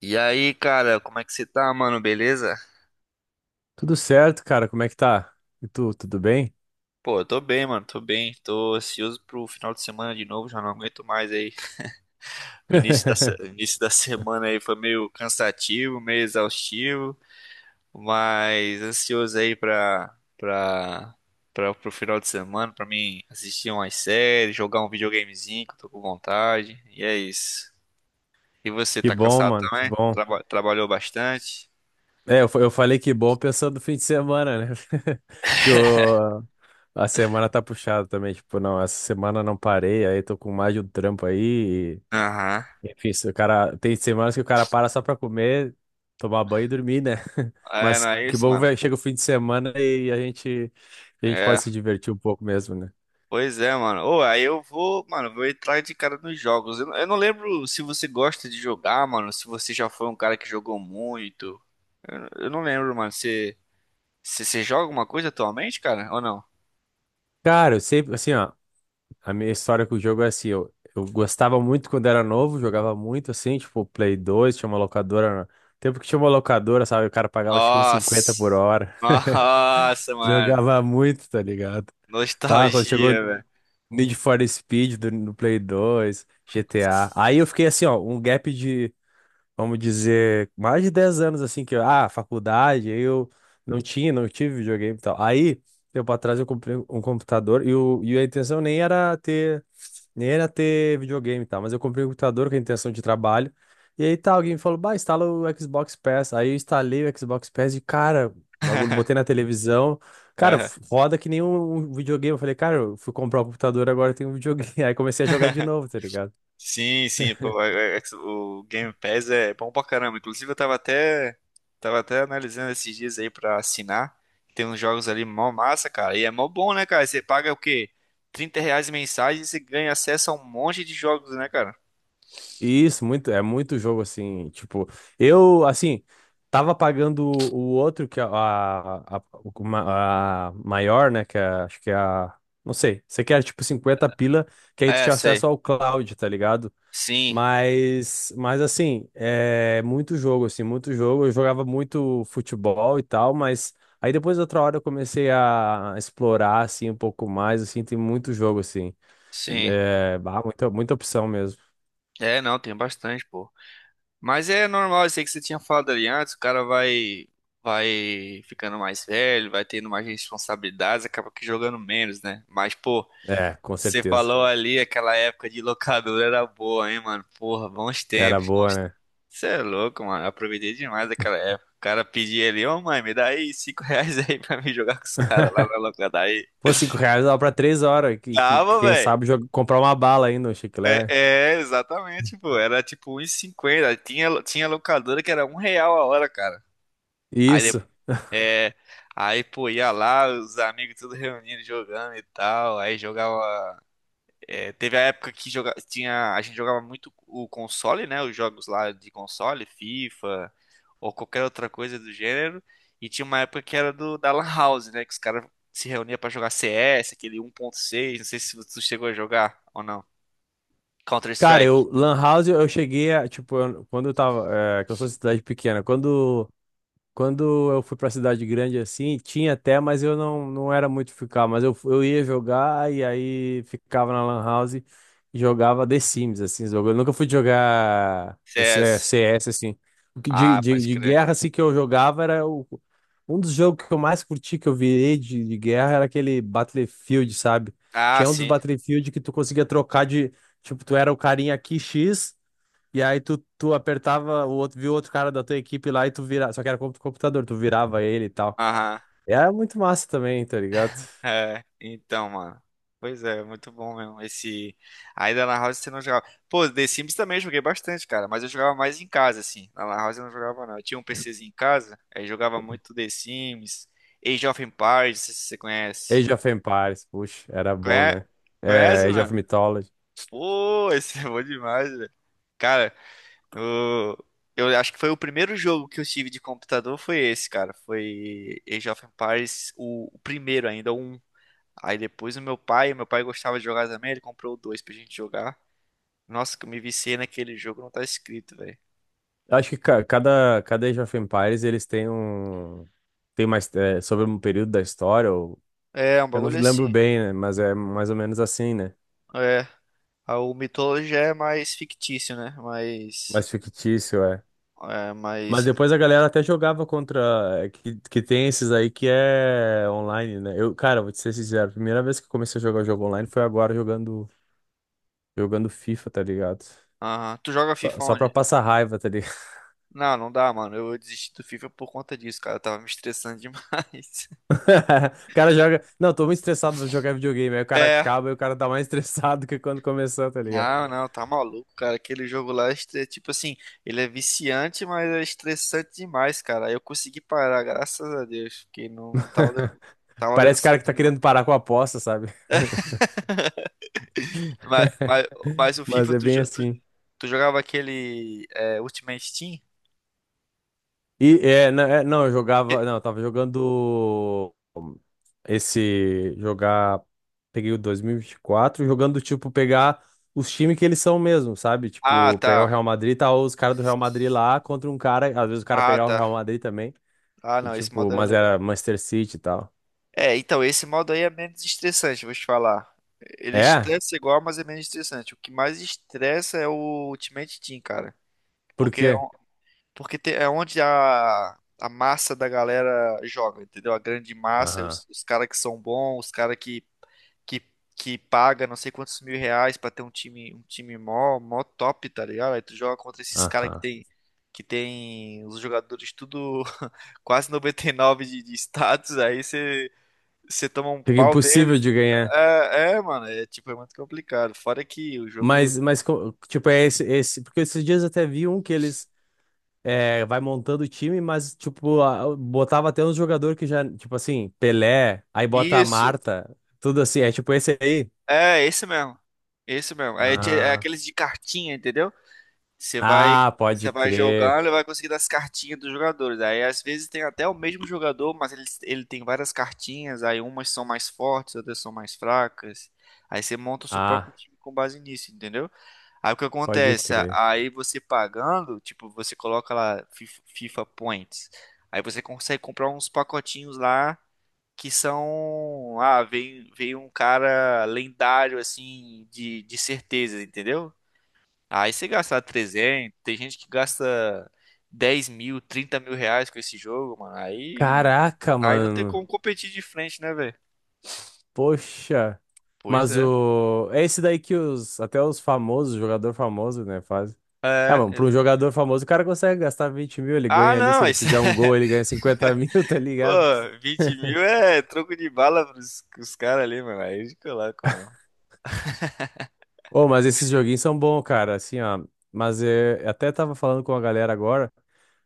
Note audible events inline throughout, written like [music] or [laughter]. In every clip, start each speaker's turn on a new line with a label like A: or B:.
A: E aí, cara, como é que você tá, mano? Beleza?
B: Tudo certo, cara? Como é que tá? E tu, tudo bem?
A: Pô, eu tô bem, mano, tô bem. Tô ansioso pro final de semana de novo, já não aguento mais aí. O início da, se- o
B: [laughs]
A: início da semana aí foi meio cansativo, meio exaustivo, mas ansioso aí pro final de semana, pra mim assistir umas séries, jogar um videogamezinho que eu tô com vontade. E é isso. E você,
B: Que
A: tá
B: bom,
A: cansado
B: mano, que
A: também?
B: bom.
A: Trabalhou bastante?
B: É, eu, eu falei que bom pensando no fim de semana, né? [laughs] Porque o- a semana tá puxada também. Tipo, não, essa semana não parei, aí tô com mais de um trampo aí.
A: Aham.
B: Enfim, se o cara, tem semanas que o cara para só pra comer, tomar banho e dormir, né? [laughs]
A: É, não
B: Mas
A: é
B: que
A: isso,
B: bom que
A: mano?
B: vai- chega o fim de semana e a gente
A: É.
B: pode se divertir um pouco mesmo, né?
A: Pois é, mano. Ô, aí eu vou, mano, vou entrar de cara nos jogos. Não, eu não lembro se você gosta de jogar, mano, se você já foi um cara que jogou muito. Eu não lembro, mano. Você joga alguma coisa atualmente, cara? Ou não?
B: Cara, eu sempre, assim, ó. A minha história com o jogo é assim, eu gostava muito quando era novo, jogava muito assim, tipo, Play 2, tinha uma locadora. Tempo que tinha uma locadora, sabe? O cara pagava acho que uns 50 por
A: Nossa!
B: hora. [laughs]
A: Nossa, mano.
B: Jogava muito, tá ligado? Pá, quando chegou
A: Nostalgia,
B: Need for Speed no Play 2, GTA. Aí eu fiquei assim, ó, um gap de, vamos dizer, mais de 10 anos assim, que, faculdade, aí eu não tive videogame e tal. Aí, tempo atrás eu comprei um computador e a intenção nem era ter. Nem era ter videogame e tal, mas eu comprei um computador com a intenção de trabalho. E aí tá, alguém me falou, bah, instala o Xbox Pass. Aí eu instalei o Xbox Pass e, cara, o bagulho, botei na televisão. Cara,
A: velho.
B: roda que nem um videogame. Eu falei, cara, eu fui comprar o computador, agora tem um videogame. [laughs] Aí comecei a jogar de novo, tá ligado?
A: Sim, sim, pô, o Game Pass é bom pra caramba. Inclusive, eu tava até analisando esses dias aí pra assinar. Tem uns jogos ali mó massa, cara. E é mó bom, né, cara? Você paga o quê? 30 reais mensagem e você ganha acesso a um monte de jogos, né, cara?
B: Isso, muito, é muito jogo assim, tipo, eu, assim, tava pagando o outro, que é a maior, né, que é, acho que é a, não sei, você quer tipo 50 pila, que aí tu
A: É,
B: tinha
A: sei.
B: acesso ao cloud, tá ligado?
A: Sim,
B: Mas assim, é muito jogo, assim, muito jogo, eu jogava muito futebol e tal, mas aí depois outra hora eu comecei a explorar, assim, um pouco mais, assim, tem muito jogo, assim,
A: sim.
B: é, bah, muita opção mesmo.
A: É, não, tem bastante, pô. Mas é normal, isso aí que você tinha falado ali antes, o cara vai ficando mais velho, vai tendo mais responsabilidades, acaba que jogando menos, né? Mas, pô.
B: É, com
A: Você
B: certeza.
A: falou ali, aquela época de locadora era boa, hein, mano? Porra, bons
B: Era
A: tempos.
B: boa, né?
A: Você é louco, mano. Eu aproveitei demais aquela época. O cara pedia ali, ô mãe, me dá aí cinco [laughs] reais aí pra me jogar com os caras lá na
B: [laughs]
A: locadora. Aí,
B: Pô, 5 reais dava pra 3 horas.
A: dava,
B: Quem
A: velho.
B: sabe comprar uma bala ainda, um
A: É,
B: chiclete.
A: é, exatamente, pô. Era tipo 1,50. Tinha locadora que era 1 real a hora, cara. Aí
B: Isso.
A: depois. É, aí, pô, ia lá, os amigos tudo reunindo, jogando e tal. Aí jogava. É, teve a época que a gente jogava muito o console, né? Os jogos lá de console, FIFA ou qualquer outra coisa do gênero. E tinha uma época que era do da Lan House, né? Que os caras se reuniam pra jogar CS, aquele 1.6. Não sei se tu chegou a jogar ou não.
B: Cara,
A: Counter-Strike,
B: eu, Lan House, eu cheguei a, tipo, quando eu tava, é, que eu sou de cidade pequena, quando eu fui pra cidade grande assim, tinha até, mas eu não, não era muito ficar. Mas eu, eu ia jogar e aí ficava na Lan House e jogava The Sims, assim, jogo. Eu nunca fui jogar
A: CS.
B: CS, assim. O que
A: Ah, pode
B: de
A: crer.
B: guerra, assim, que eu jogava era o, um dos jogos que eu mais curti, que eu virei de guerra, era aquele Battlefield, sabe?
A: Ah,
B: Tinha um dos
A: sim.
B: Battlefield que tu conseguia trocar de. Tipo, tu era o carinha aqui X. E aí tu apertava o outro, viu outro cara da tua equipe lá e tu virava. Só que era contra o computador, tu virava ele e tal.
A: Aham.
B: E era muito massa também, tá ligado?
A: É, então, mano. Pois é, muito bom mesmo. Esse. Aí da Lan House você não jogava. Pô, The Sims também eu joguei bastante, cara. Mas eu jogava mais em casa, assim. Na Lan House eu não jogava, não. Eu tinha um PCzinho em casa, aí jogava muito The Sims, Age of Empires, não sei se você conhece.
B: Age of Empires, puxa, era
A: Ah,
B: bom,
A: conhece,
B: né? É,
A: conhece,
B: Age of
A: mano?
B: Mythology.
A: Pô, [laughs] esse é bom demais, velho. Cara, o- eu acho que foi o primeiro jogo que eu tive de computador foi esse, cara. Foi Age of Empires, o primeiro ainda, o 1. Aí depois o meu pai gostava de jogar também, ele comprou dois pra gente jogar. Nossa, que eu me viciei naquele jogo, não tá escrito, velho.
B: Eu acho que cada Age of Empires eles têm um. Tem mais. É, sobre um período da história, ou,
A: É, um
B: eu não
A: bagulho assim.
B: lembro bem, né? Mas é mais ou menos assim, né?
A: É, o Mythology é mais fictício, né? Mais,
B: Mais fictício, é.
A: é,
B: Mas
A: mais...
B: depois a galera até jogava contra. Que tem esses aí que é online, né? Eu, cara, vou te ser sincero, a primeira vez que eu comecei a jogar jogo online foi agora jogando FIFA, tá ligado?
A: Aham. Tu joga
B: Só,
A: FIFA
B: só pra
A: onde?
B: passar raiva, tá ligado?
A: Não, não dá, mano. Eu desisti do FIFA por conta disso, cara. Eu tava me estressando demais. [laughs]
B: [laughs] O cara joga. Não, tô muito estressado, vou jogar videogame. Aí o cara
A: É,
B: acaba e o cara tá mais [laughs] estressado que quando começou, tá ligado?
A: não, não, tá maluco, cara. Aquele jogo lá, tipo assim, ele é viciante, mas é estressante demais, cara. Eu consegui parar, graças a Deus, porque não tava
B: [laughs]
A: dando, tava dando
B: Parece o cara que
A: certo,
B: tá
A: não.
B: querendo parar com a aposta, sabe?
A: Mas, mas, mas o
B: Mas
A: FIFA,
B: é
A: tu,
B: bem
A: jo- tu,
B: assim.
A: tu jogava aquele Ultimate Team?
B: E é, não, eu jogava.
A: Que-
B: Não, eu tava jogando. Esse jogar. Peguei o 2024, jogando tipo pegar os times que eles são mesmo, sabe?
A: Ah,
B: Tipo, pegar o
A: tá.
B: Real Madrid, tá os caras do Real Madrid lá contra um cara. Às vezes o cara
A: Ah,
B: pegar o
A: tá.
B: Real Madrid também.
A: Ah,
B: E
A: não, esse
B: tipo,
A: modo era
B: mas era
A: legal.
B: Manchester City e tal.
A: É, então, esse modo aí é menos estressante, vou te falar. Ele
B: É?
A: estressa igual, mas é menos estressante. O que mais estressa é o Ultimate Team, cara.
B: Por
A: Porque
B: quê?
A: Porque é onde a massa da galera joga, entendeu? A grande massa,
B: Aham,
A: os caras que são bons, os caras que, que paga não sei quantos mil reais pra ter um time mó top, tá ligado? Aí tu joga contra esses caras que
B: aham.
A: tem, que tem os jogadores tudo [laughs] quase 99 de status, aí você toma um
B: Fica
A: pau deles.
B: impossível de ganhar.
A: É, é, mano, é tipo, é muito complicado. Fora que o jogo.
B: Esse. Porque esses dias eu até vi um que eles. É, vai montando o time, mas, tipo, botava até uns jogadores que já, tipo assim, Pelé, aí bota a
A: Isso,
B: Marta, tudo assim, é tipo esse aí.
A: é esse mesmo. Esse mesmo. É, é
B: Ah,
A: aqueles de cartinha, entendeu? Você vai,
B: ah,
A: você
B: pode
A: vai
B: crer.
A: jogando e vai conseguindo as cartinhas dos jogadores. Aí às vezes tem até o mesmo jogador, mas ele tem várias cartinhas. Aí umas são mais fortes, outras são mais fracas. Aí você monta o seu próprio
B: Ah,
A: time com base nisso, entendeu? Aí o que
B: pode
A: acontece?
B: crer.
A: Aí você pagando, tipo, você coloca lá FIFA Points. Aí você consegue comprar uns pacotinhos lá que são. Ah, vem, vem um cara lendário, assim, de certeza, entendeu? Aí você gastar 300, tem gente que gasta 10 mil, 30 mil reais com esse jogo, mano. Aí,
B: Caraca,
A: aí não tem
B: mano.
A: como competir de frente, né, velho?
B: Poxa.
A: Pois
B: Mas
A: é.
B: o. É esse daí que os. Até os famosos, jogador famoso, né, faz. É,
A: É,
B: mano, pra um
A: exato.
B: jogador famoso, o cara consegue gastar 20 mil, ele
A: Ah,
B: ganha ali. Se
A: não,
B: ele
A: isso
B: fizer um gol,
A: é...
B: ele
A: [laughs]
B: ganha 50 mil, [laughs] tá
A: Pô,
B: ligado?
A: 20 mil é troco de bala pros caras ali, mano. Aí eles colocam mesmo.
B: Ô, mas esses joguinhos são bons, cara, assim, ó. Mas é, eu até tava falando com a galera agora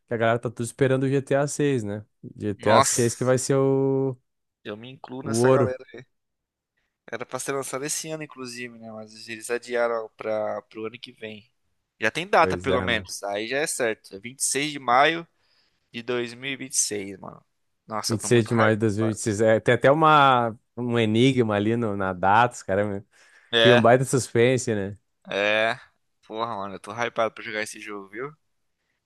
B: que a galera tá tudo esperando o GTA 6, né? GTA 6 que
A: Nossa,
B: vai ser
A: eu me incluo
B: o
A: nessa
B: ouro.
A: galera. Era pra ser lançado esse ano, inclusive, né? Mas eles adiaram pro ano que vem. Já tem data,
B: Pois é,
A: pelo
B: mano.
A: menos. Aí já é certo. É 26 de maio de 2026, mano. Nossa, eu
B: vinte e
A: tô
B: seis
A: muito
B: de maio de
A: hypado.
B: 2026. É, tem até uma, um enigma ali no, na data, cria um
A: É,
B: baita suspense, né?
A: é. Porra, mano, eu tô hypado pra jogar esse jogo, viu?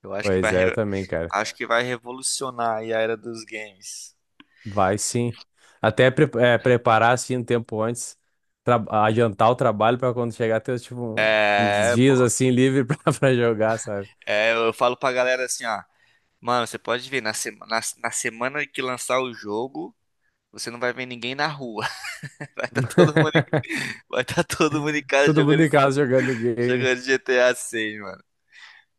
A: Eu acho que
B: Pois
A: vai,
B: é, eu
A: re-
B: também, cara.
A: acho que vai revolucionar aí a era dos games.
B: Vai sim. Até preparar, assim, um tempo antes, adiantar o trabalho pra quando chegar ter, tipo, uns
A: É,
B: dias,
A: pô.
B: assim, livre [laughs] pra jogar, sabe?
A: É, eu falo pra galera assim, ó. Mano, você pode ver, na semana que lançar o jogo, você não vai ver ninguém na rua. [laughs] Vai estar todo mundo,
B: [laughs]
A: em- Vai tá todo mundo em casa
B: Todo mundo
A: jogando,
B: em casa jogando game.
A: jogando GTA 6, mano.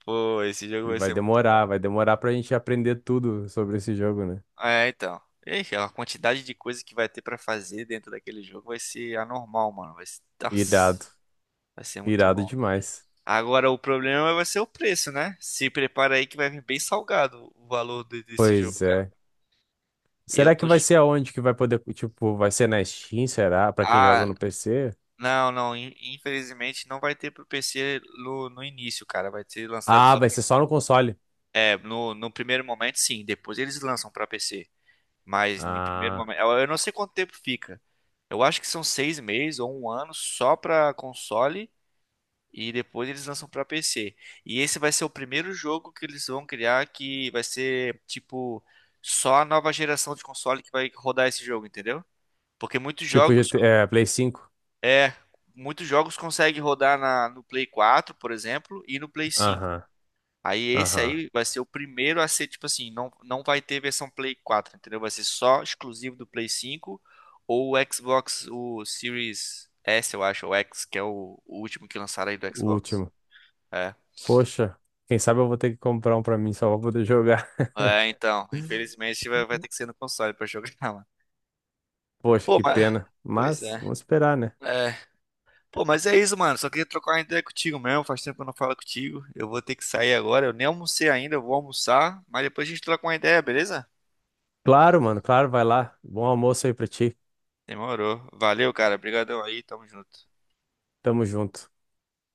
A: Pô, esse jogo
B: E
A: vai ser muito.
B: vai demorar pra gente aprender tudo sobre esse jogo, né?
A: É, então. Ixi, a quantidade de coisa que vai ter pra fazer dentro daquele jogo vai ser anormal, mano. Vai ser, nossa,
B: Irado.
A: vai ser muito
B: Irado
A: bom.
B: demais.
A: Agora, o problema vai ser o preço, né? Se prepara aí que vai vir bem salgado o valor desse jogo,
B: Pois
A: cara.
B: é.
A: Eu
B: Será que
A: tô.
B: vai ser aonde que vai poder, tipo, vai ser na Steam, será? Pra quem joga
A: Ah,
B: no PC?
A: não, não. Infelizmente não vai ter pro PC no início, cara. Vai ser lançado
B: Ah,
A: só.
B: vai ser só no console.
A: É, no primeiro momento, sim. Depois eles lançam pra PC. Mas em primeiro
B: Ah,
A: momento, eu não sei quanto tempo fica. Eu acho que são 6 meses ou um ano só para console e depois eles lançam para PC. E esse vai ser o primeiro jogo que eles vão criar que vai ser tipo só a nova geração de console que vai rodar esse jogo, entendeu? Porque
B: tipo Play 5.
A: é muitos jogos conseguem rodar no Play 4, por exemplo, e no Play 5.
B: Aham,
A: Aí esse
B: aham.
A: aí vai ser o primeiro a ser, tipo assim, não, não vai ter versão Play 4, entendeu? Vai ser só exclusivo do Play 5 ou o Xbox, o Series S, eu acho, ou X, que é o último que lançaram aí do
B: O
A: Xbox.
B: último.
A: É.
B: Poxa, quem sabe eu vou ter que comprar um pra mim só pra poder jogar.
A: É,
B: [laughs]
A: então, infelizmente vai ter que ser no console pra jogar, [laughs] mano.
B: Poxa,
A: Pô,
B: que
A: mas...
B: pena.
A: Pois
B: Mas
A: é.
B: vamos esperar, né?
A: É. Pô, mas é isso, mano. Só queria trocar uma ideia contigo mesmo. Faz tempo que eu não falo contigo. Eu vou ter que sair agora. Eu nem almocei ainda, eu vou almoçar. Mas depois a gente troca uma ideia, beleza?
B: Claro, mano, claro, vai lá. Bom almoço aí pra ti.
A: Demorou. Valeu, cara. Obrigadão aí. Tamo junto.
B: Tamo junto.